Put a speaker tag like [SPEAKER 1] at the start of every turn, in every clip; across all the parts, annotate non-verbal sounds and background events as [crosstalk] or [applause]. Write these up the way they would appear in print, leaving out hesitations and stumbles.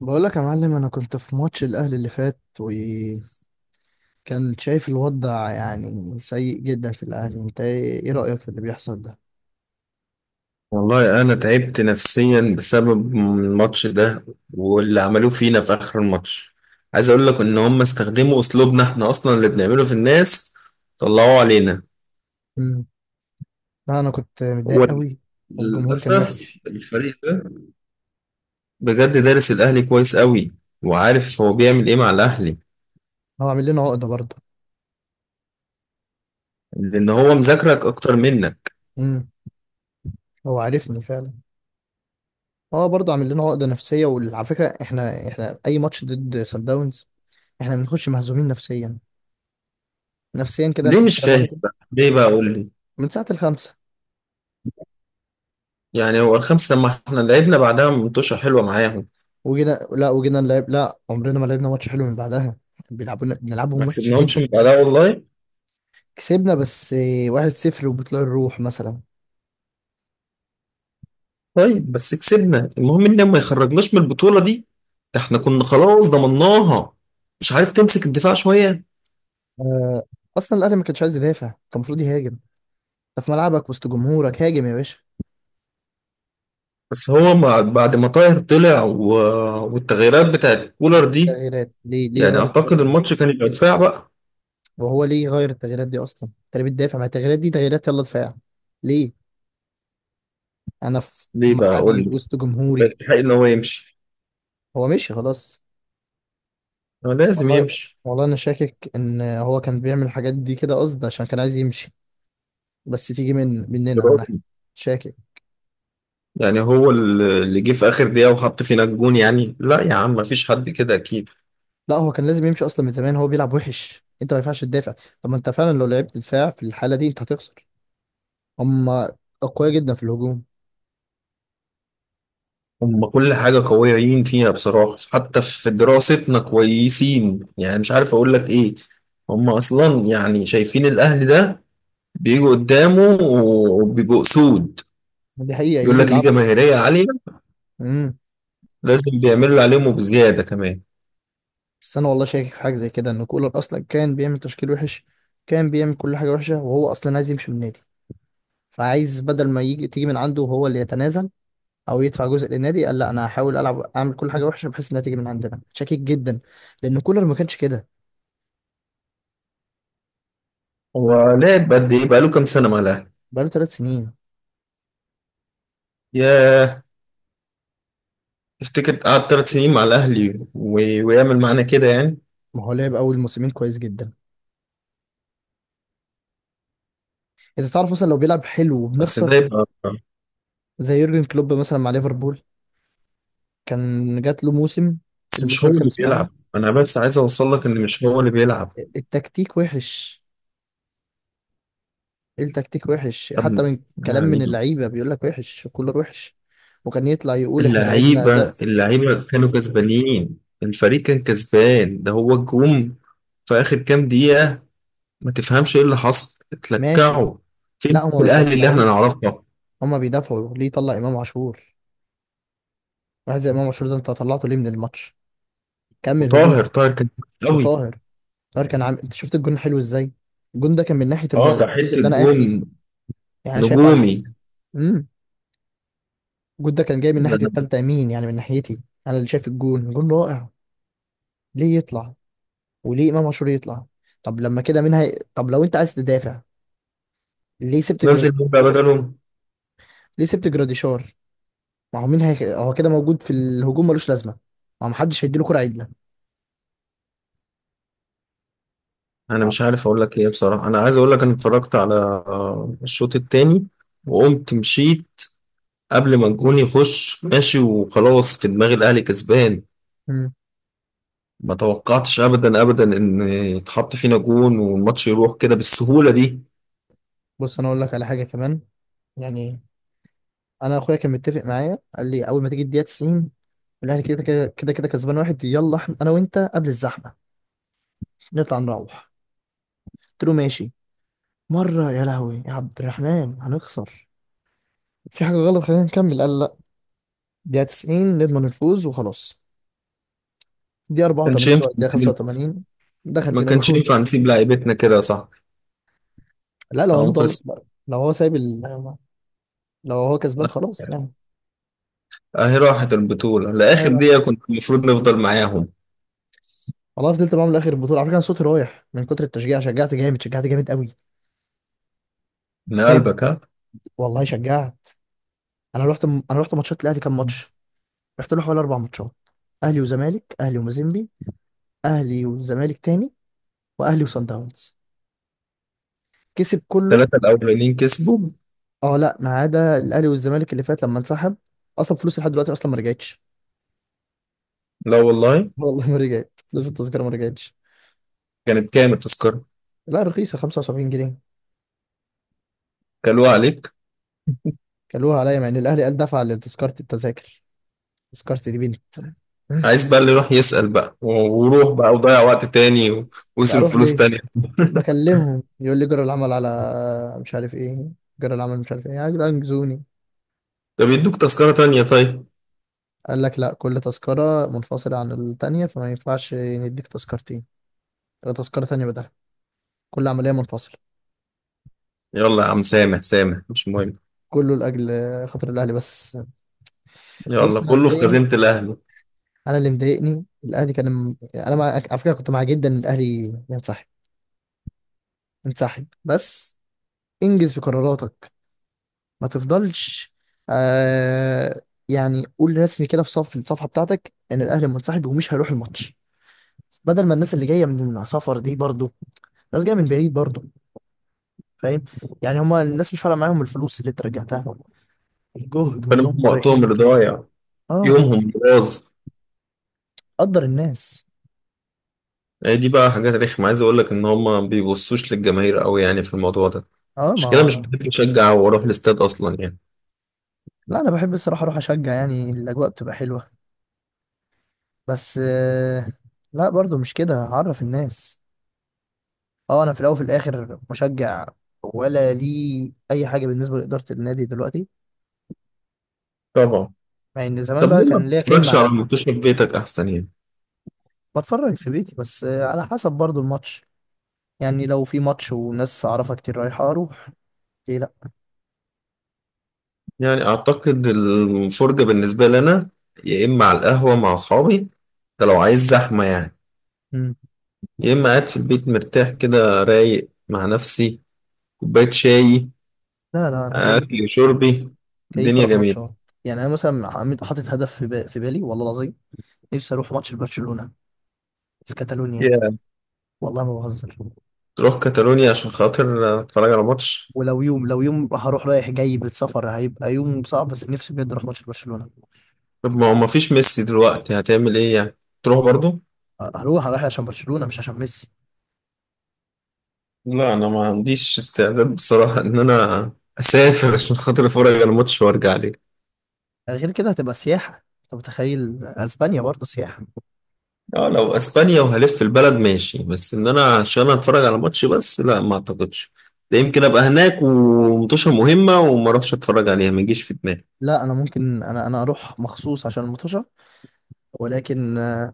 [SPEAKER 1] بقول لك يا معلم، انا كنت في ماتش الاهلي اللي فات وكان شايف الوضع يعني سيء جدا في الاهلي. انت ايه رايك في اللي بيحصل ده؟
[SPEAKER 2] والله أنا تعبت نفسيا بسبب الماتش ده واللي عملوه فينا في آخر الماتش. عايز أقول لك إن هم استخدموا أسلوبنا إحنا أصلا اللي بنعمله في الناس طلعوه علينا.
[SPEAKER 1] امم لا انا كنت متضايق
[SPEAKER 2] هو
[SPEAKER 1] قوي. والجمهور كان
[SPEAKER 2] للأسف
[SPEAKER 1] وحش.
[SPEAKER 2] الفريق ده بجد دارس الأهلي كويس قوي، وعارف هو بيعمل إيه مع الأهلي،
[SPEAKER 1] هو عامل لنا عقده برضه.
[SPEAKER 2] لأن هو مذاكرك أكتر منك.
[SPEAKER 1] امم هو عارفني فعلا. هو برضه عامل لنا عقده نفسيه. وعلى فكره احنا اي ماتش ضد سان داونز احنا بنخش مهزومين نفسيا، نفسيا كده.
[SPEAKER 2] ليه
[SPEAKER 1] انت
[SPEAKER 2] مش
[SPEAKER 1] السلام
[SPEAKER 2] فاهم
[SPEAKER 1] عليكم
[SPEAKER 2] بقى؟ ليه بقى قول لي.
[SPEAKER 1] من ساعه الخمسه.
[SPEAKER 2] يعني هو الخمسة لما إحنا لعبنا بعدها منتوشة حلوة معاهم،
[SPEAKER 1] وجينا، لا نلعب، لا عمرنا ما لعبنا ماتش حلو من بعدها. بيلعبونا
[SPEAKER 2] ما
[SPEAKER 1] بنلعبهم وحش.
[SPEAKER 2] كسبناهمش من بعدها والله.
[SPEAKER 1] كسبنا بس واحد صفر وبطلوع الروح مثلا.
[SPEAKER 2] طيب بس كسبنا، المهم ان ما يخرجناش من البطولة دي، ده احنا كنا خلاص ضمناها. مش عارف تمسك الدفاع شوية.
[SPEAKER 1] آه، اصلا الاهلي ما كانش عايز يدافع، كان المفروض يهاجم. انت في ملعبك وسط جمهورك، هاجم يا باشا.
[SPEAKER 2] بعد ما طاهر طلع والتغييرات بتاعت كولر دي،
[SPEAKER 1] تغييرات؟ ليه؟
[SPEAKER 2] يعني
[SPEAKER 1] غير التغييرات
[SPEAKER 2] اعتقد
[SPEAKER 1] دي.
[SPEAKER 2] الماتش كان يبقى دفاع بقى.
[SPEAKER 1] وهو ليه غير التغييرات دي اصلا؟ انت ليه بتدافع؟ ما التغييرات دي تغييرات يلا دفاع. ليه؟ انا في
[SPEAKER 2] ليه بقى قول
[SPEAKER 1] ملعبي
[SPEAKER 2] لي،
[SPEAKER 1] وسط
[SPEAKER 2] يبقى
[SPEAKER 1] جمهوري.
[SPEAKER 2] يستحق ان هو يمشي،
[SPEAKER 1] هو مشي خلاص.
[SPEAKER 2] هو لازم
[SPEAKER 1] والله،
[SPEAKER 2] يمشي.
[SPEAKER 1] والله انا شاكك ان هو كان بيعمل الحاجات دي كده قصد عشان كان عايز يمشي. بس تيجي من مننا انا.
[SPEAKER 2] برافو.
[SPEAKER 1] شاكك.
[SPEAKER 2] يعني هو اللي جه في اخر دقيقة وحط فينا الجون، يعني لا يا عم مفيش حد كده اكيد.
[SPEAKER 1] لا هو كان لازم يمشي اصلا من زمان. هو بيلعب وحش. انت ما ينفعش تدافع. طب ما انت فعلا لو لعبت دفاع في الحاله دي انت هتخسر. هم اقوياء جدا في الهجوم.
[SPEAKER 2] هم كل حاجة قويين فيها بصراحة، حتى في دراستنا كويسين، يعني مش عارف أقول لك إيه. هم أصلا يعني شايفين الأهلي ده بيجوا قدامه وبيبقوا أسود.
[SPEAKER 1] دي حقيقه
[SPEAKER 2] يقول
[SPEAKER 1] يجي
[SPEAKER 2] لك ليه
[SPEAKER 1] يلعبوا.
[SPEAKER 2] جماهيرية عالية،
[SPEAKER 1] امم
[SPEAKER 2] لازم بيعملوا اللي عليهم وبزيادة كمان.
[SPEAKER 1] بس انا والله شاكك في حاجه زي كده ان كولر اصلا كان بيعمل تشكيل وحش. كان بيعمل كل حاجه وحشه وهو اصلا عايز يمشي من النادي. فعايز، بدل ما يجي تيجي من عنده وهو اللي يتنازل او يدفع جزء للنادي، قال لا انا هحاول العب اعمل كل حاجه وحشه بحيث انها تيجي من عندنا. شاكك جدا، لان كولر ما كانش كده.
[SPEAKER 2] هو لعب قد إيه؟ بقاله كام سنة مع الأهلي؟
[SPEAKER 1] بقاله ثلاث سنين.
[SPEAKER 2] ياه، تفتكر قعد 3 سنين مع الأهلي ويعمل معانا كده يعني؟
[SPEAKER 1] ما هو لعب اول موسمين كويس جدا. انت تعرف مثلا لو بيلعب حلو
[SPEAKER 2] بس ده
[SPEAKER 1] وبنخسر،
[SPEAKER 2] يبقى،
[SPEAKER 1] زي يورجن كلوب مثلا مع ليفربول كان جات له موسم،
[SPEAKER 2] بس مش
[SPEAKER 1] الموسم
[SPEAKER 2] هو اللي
[SPEAKER 1] الخامس
[SPEAKER 2] بيلعب.
[SPEAKER 1] معاهم.
[SPEAKER 2] أنا بس عايز أوصل لك إن مش هو اللي بيلعب.
[SPEAKER 1] التكتيك وحش. التكتيك وحش، حتى
[SPEAKER 2] طب،
[SPEAKER 1] من كلام
[SPEAKER 2] يعني
[SPEAKER 1] من اللعيبه. بيقول لك وحش، كولر وحش. وكان يطلع يقول احنا لعبنا اداء.
[SPEAKER 2] اللعيبة كانوا كسبانين، الفريق كان كسبان، ده هو الجوم في آخر كام دقيقة. ما تفهمش ايه اللي حصل،
[SPEAKER 1] ماشي.
[SPEAKER 2] اتلكعوا.
[SPEAKER 1] لا
[SPEAKER 2] فين
[SPEAKER 1] هما ما
[SPEAKER 2] الأهلي اللي احنا
[SPEAKER 1] بيتلكعوش،
[SPEAKER 2] نعرفه؟
[SPEAKER 1] هما بيدافعوا. ليه طلع امام عاشور؟ واحد زي امام عاشور ده انت طلعته ليه من الماتش؟ كمل هجوم.
[SPEAKER 2] وطاهر كان كويس قوي.
[SPEAKER 1] وطاهر، طاهر كان عامل، انت شفت الجون حلو ازاي؟ الجون ده كان من ناحيه
[SPEAKER 2] اه ده
[SPEAKER 1] الجزء
[SPEAKER 2] حتة
[SPEAKER 1] اللي انا قاعد فيه.
[SPEAKER 2] جون
[SPEAKER 1] يعني انا شايفه على
[SPEAKER 2] نجومي.
[SPEAKER 1] الحقيقه. امم الجون ده كان جاي من
[SPEAKER 2] ده
[SPEAKER 1] ناحية
[SPEAKER 2] أنا
[SPEAKER 1] التالتة يمين، يعني من ناحيتي. أنا اللي شايف الجون، جون رائع. ليه يطلع؟ وليه إمام عاشور يطلع؟ طب لما كده طب لو أنت عايز تدافع، ليه سبت جراد؟
[SPEAKER 2] نزل جون بقى بدله.
[SPEAKER 1] ليه سبت جراديشار؟ ما هو هو كده موجود في الهجوم ملوش لازمة. ما هو محدش هيديله كرة عدلة.
[SPEAKER 2] انا
[SPEAKER 1] آه.
[SPEAKER 2] مش عارف اقول لك ايه بصراحة. انا عايز اقول لك انا اتفرجت على الشوط التاني وقمت مشيت، قبل ما الجون يخش ماشي، وخلاص في دماغ الأهلي كسبان.
[SPEAKER 1] مم.
[SPEAKER 2] ما توقعتش ابدا ابدا ان يتحط فينا جون والماتش يروح كده بالسهوله دي.
[SPEAKER 1] بص أنا أقول لك على حاجة كمان. يعني أنا أخويا كان متفق معايا، قال لي أول ما تيجي الدقيقة 90 الأهلي كده كده كده كده كسبان واحد، يلا أنا وأنت قبل الزحمة نطلع نروح. قلت له ماشي. مرة يا لهوي يا عبد الرحمن، هنخسر. في حاجة غلط خلينا نكمل. قال لا، دقيقة 90 نضمن الفوز وخلاص. دقيقة
[SPEAKER 2] ما كانش
[SPEAKER 1] 84
[SPEAKER 2] ينفع
[SPEAKER 1] ولا دقيقة
[SPEAKER 2] نسيب-
[SPEAKER 1] 85 دخل
[SPEAKER 2] ما
[SPEAKER 1] فينا
[SPEAKER 2] كانش
[SPEAKER 1] جون.
[SPEAKER 2] ينفع نسيب لعيبتنا كده، صح؟
[SPEAKER 1] لا لو انا
[SPEAKER 2] او
[SPEAKER 1] ضامن،
[SPEAKER 2] قصة.
[SPEAKER 1] لو هو سايب لو هو كسبان خلاص يعني.
[SPEAKER 2] اهي راحت البطوله، لاخر
[SPEAKER 1] حيرة.
[SPEAKER 2] دقيقه كنت المفروض نفضل معاهم.
[SPEAKER 1] والله فضلت معاهم لاخر البطولة. على فكرة انا صوتي رايح من كتر التشجيع. شجعت جامد، شجعت جامد قوي.
[SPEAKER 2] من
[SPEAKER 1] جامد.
[SPEAKER 2] قلبك ها.
[SPEAKER 1] والله شجعت. انا رحت ماتشات الاهلي كام ماتش؟ رحت له حوالي اربع ماتشات: اهلي وزمالك، اهلي ومازيمبي، اهلي والزمالك تاني، واهلي وصن داونز. كسب كله.
[SPEAKER 2] الثلاثه الاولانيين كسبوا.
[SPEAKER 1] اه لا، ما عدا الاهلي والزمالك اللي فات لما انسحب. اصلا فلوس لحد دلوقتي اصلا ما رجعتش.
[SPEAKER 2] لا والله.
[SPEAKER 1] [laughs] والله ما رجعت. فلوس التذكره ما رجعتش.
[SPEAKER 2] كانت كام التذكره؟
[SPEAKER 1] لا رخيصه، 75 جنيه.
[SPEAKER 2] كلوها عليك.
[SPEAKER 1] كلوها عليا، مع ان الاهلي قال دفع لتذكره التذاكر. تذكرتي دي بنت.
[SPEAKER 2] عايز بقى اللي يروح يسأل بقى وروح بقى وضيع وقت تاني
[SPEAKER 1] [laughs] لا
[SPEAKER 2] ويصرف
[SPEAKER 1] اروح
[SPEAKER 2] فلوس
[SPEAKER 1] ليه؟
[SPEAKER 2] تانية [laughs]
[SPEAKER 1] بكلمهم يقول لي جرى العمل على، مش عارف ايه، جرى العمل مش عارف ايه. يا جدعان انجزوني.
[SPEAKER 2] طب يدوك تذكرة تانية طيب.
[SPEAKER 1] قال لك لا، كل تذكره منفصله عن التانيه، فما ينفعش نديك تذكرتين ولا تذكره تانيه بدلها. كل عمليه منفصله.
[SPEAKER 2] يلا يا عم سامح سامح، مش مهم،
[SPEAKER 1] كله لاجل خاطر الاهلي بس.
[SPEAKER 2] يلا
[SPEAKER 1] بص انا
[SPEAKER 2] كله في
[SPEAKER 1] مضايقني،
[SPEAKER 2] خزينة الأهل.
[SPEAKER 1] انا اللي مضايقني الاهلي كان على فكره كنت مع جدا ان الاهلي ينسحب. ينسحب بس. انجز في قراراتك، ما تفضلش. آه... يعني قول رسمي كده في صف الصفحه بتاعتك ان الاهلي منسحب ومش هيروح الماتش، بدل ما الناس اللي جايه من السفر دي برضو، ناس جايه من بعيد برضو. فاهم؟ يعني هما الناس مش فارقه معاهم الفلوس اللي انت رجعتها، الجهد
[SPEAKER 2] فأنا
[SPEAKER 1] وان
[SPEAKER 2] هم
[SPEAKER 1] هم
[SPEAKER 2] وقتهم
[SPEAKER 1] رايحين
[SPEAKER 2] اللي
[SPEAKER 1] جاي.
[SPEAKER 2] ضايع،
[SPEAKER 1] اه.
[SPEAKER 2] يومهم اللي باظ.
[SPEAKER 1] قدر الناس.
[SPEAKER 2] يعني دي بقى حاجات رخمة، عايز أقول لك إن هم ما بيبصوش للجماهير أوي يعني في الموضوع ده.
[SPEAKER 1] اه
[SPEAKER 2] مش كده، مش
[SPEAKER 1] ما
[SPEAKER 2] بحب أشجع وأروح الاستاد أصلا يعني.
[SPEAKER 1] لا انا بحب الصراحه اروح اشجع، يعني الاجواء بتبقى حلوه. بس لا برضو مش كده. هعرف الناس. اه انا في الاول وفي الاخر مشجع، ولا لي اي حاجه بالنسبه لاداره النادي دلوقتي،
[SPEAKER 2] طبعا.
[SPEAKER 1] مع ان زمان
[SPEAKER 2] طب
[SPEAKER 1] بقى
[SPEAKER 2] ليه ما
[SPEAKER 1] كان ليا كلمه
[SPEAKER 2] بتتفرجش على
[SPEAKER 1] على
[SPEAKER 2] الماتش في بيتك أحسن يعني؟
[SPEAKER 1] بتفرج في بيتي، بس على حسب برضو الماتش. يعني لو في ماتش وناس اعرفها كتير رايحه اروح، ليه لا.
[SPEAKER 2] يعني أعتقد الفرجة بالنسبة لنا يا إما على القهوة مع أصحابي، ده لو عايز زحمة يعني،
[SPEAKER 1] مم.
[SPEAKER 2] يا إما قاعد في البيت مرتاح كده رايق مع نفسي، كوباية شاي،
[SPEAKER 1] لا لا انا كيف
[SPEAKER 2] أكلي وشربي،
[SPEAKER 1] كيف
[SPEAKER 2] الدنيا
[SPEAKER 1] اروح
[SPEAKER 2] جميلة.
[SPEAKER 1] ماتشات. يعني انا مثلا حاطط هدف في، في بالي والله العظيم. نفسي اروح ماتش لبرشلونه في كاتالونيا. والله ما بهزر.
[SPEAKER 2] تروح كاتالونيا عشان خاطر اتفرج على ماتش؟
[SPEAKER 1] ولو يوم، لو يوم، هروح رايح جاي بالسفر. هيبقى يوم صعب، بس نفسي بجد اروح ماتش برشلونة.
[SPEAKER 2] طب ما هو مفيش ميسي دلوقتي، هتعمل ايه يعني؟ تروح برضو؟
[SPEAKER 1] هروح، هروح عشان برشلونة مش عشان ميسي.
[SPEAKER 2] لا انا ما عنديش استعداد بصراحة ان انا اسافر عشان خاطر اتفرج على ماتش وارجع لي.
[SPEAKER 1] غير كده هتبقى سياحة. انت متخيل اسبانيا برضه؟ سياحة.
[SPEAKER 2] اه لو اسبانيا وهلف البلد ماشي، بس ان انا عشان اتفرج على ماتش بس، لا ما اعتقدش. ده يمكن ابقى هناك ومطوشة مهمة وما اروحش اتفرج عليها، ما يجيش في دماغي.
[SPEAKER 1] لا انا ممكن، انا اروح مخصوص عشان المطوشة. ولكن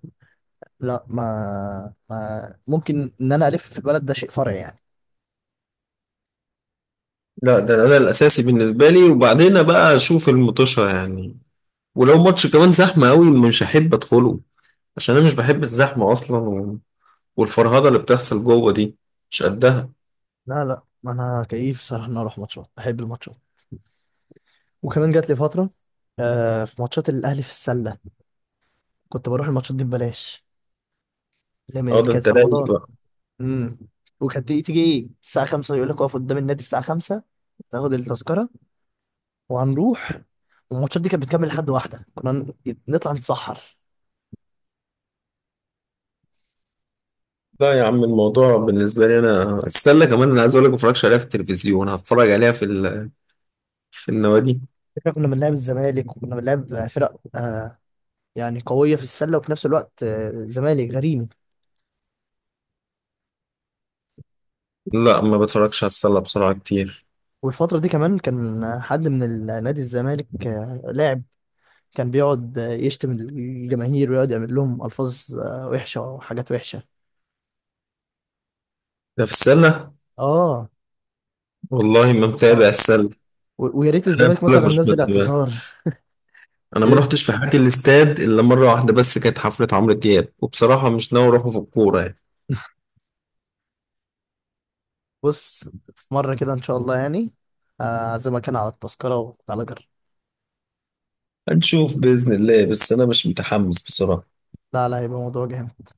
[SPEAKER 1] لا ما, ما ممكن ان انا الف في البلد، ده شيء فرعي يعني.
[SPEAKER 2] لا، ده الاساسي بالنسبة لي، وبعدين بقى اشوف المطوشة يعني. ولو ماتش كمان زحمة قوي مش هحب ادخله، عشان انا مش بحب الزحمه اصلا، والفرهده اللي بتحصل جوه دي مش قدها.
[SPEAKER 1] لا لا انا كيف صراحة ان أنا اروح ماتشات. بحب الماتشات. وكمان جات لي فترة، في ماتشات الاهلي في السلة، كنت بروح الماتشات دي ببلاش، اللي هي
[SPEAKER 2] اه
[SPEAKER 1] اللي
[SPEAKER 2] ده
[SPEAKER 1] كانت
[SPEAKER 2] انت
[SPEAKER 1] في
[SPEAKER 2] رايق
[SPEAKER 1] رمضان.
[SPEAKER 2] بقى.
[SPEAKER 1] امم وكانت تيجي الساعة 5 يقول لك اقف قدام النادي الساعة 5، تاخد التذكرة وهنروح. والماتشات دي كانت بتكمل لحد واحدة. كنا نطلع نتسحر.
[SPEAKER 2] لا يا عم الموضوع بالنسبه لي انا، السله كمان، انا عايز اقول لك ما بتفرجش عليها في التلفزيون، هتفرج عليها في النوادي.
[SPEAKER 1] فكرة كنا بنلعب الزمالك وكنا بنلعب فرق يعني قوية في السلة، وفي نفس الوقت آه زمالك غريمي.
[SPEAKER 2] لا ما بتفرجش على السله بسرعه كتير.
[SPEAKER 1] والفترة دي كمان كان حد من نادي الزمالك، لاعب، كان بيقعد يشتم الجماهير ويقعد يعمل لهم ألفاظ وحشة وحاجات وحشة.
[SPEAKER 2] ده في السله؟
[SPEAKER 1] اه.
[SPEAKER 2] والله ما متابع
[SPEAKER 1] اه.
[SPEAKER 2] السله.
[SPEAKER 1] ويا ريت
[SPEAKER 2] انا
[SPEAKER 1] الزمالك
[SPEAKER 2] بقول لك
[SPEAKER 1] مثلا
[SPEAKER 2] مش
[SPEAKER 1] نزل
[SPEAKER 2] متابع.
[SPEAKER 1] اعتذار.
[SPEAKER 2] انا ما
[SPEAKER 1] [laughs]
[SPEAKER 2] رحتش في حياتي الاستاد الا مره واحده، بس كانت حفله عمرو دياب، وبصراحه مش ناوي اروحه في الكوره يعني.
[SPEAKER 1] بص، في مرة كده إن شاء الله يعني، أعزمك أنا على التذكرة وتعالى جرب.
[SPEAKER 2] هنشوف باذن الله، بس انا مش متحمس بصراحه.
[SPEAKER 1] لا لا هيبقى موضوع جامد.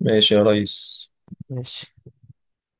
[SPEAKER 2] ماشي يا ريس.
[SPEAKER 1] ماشي.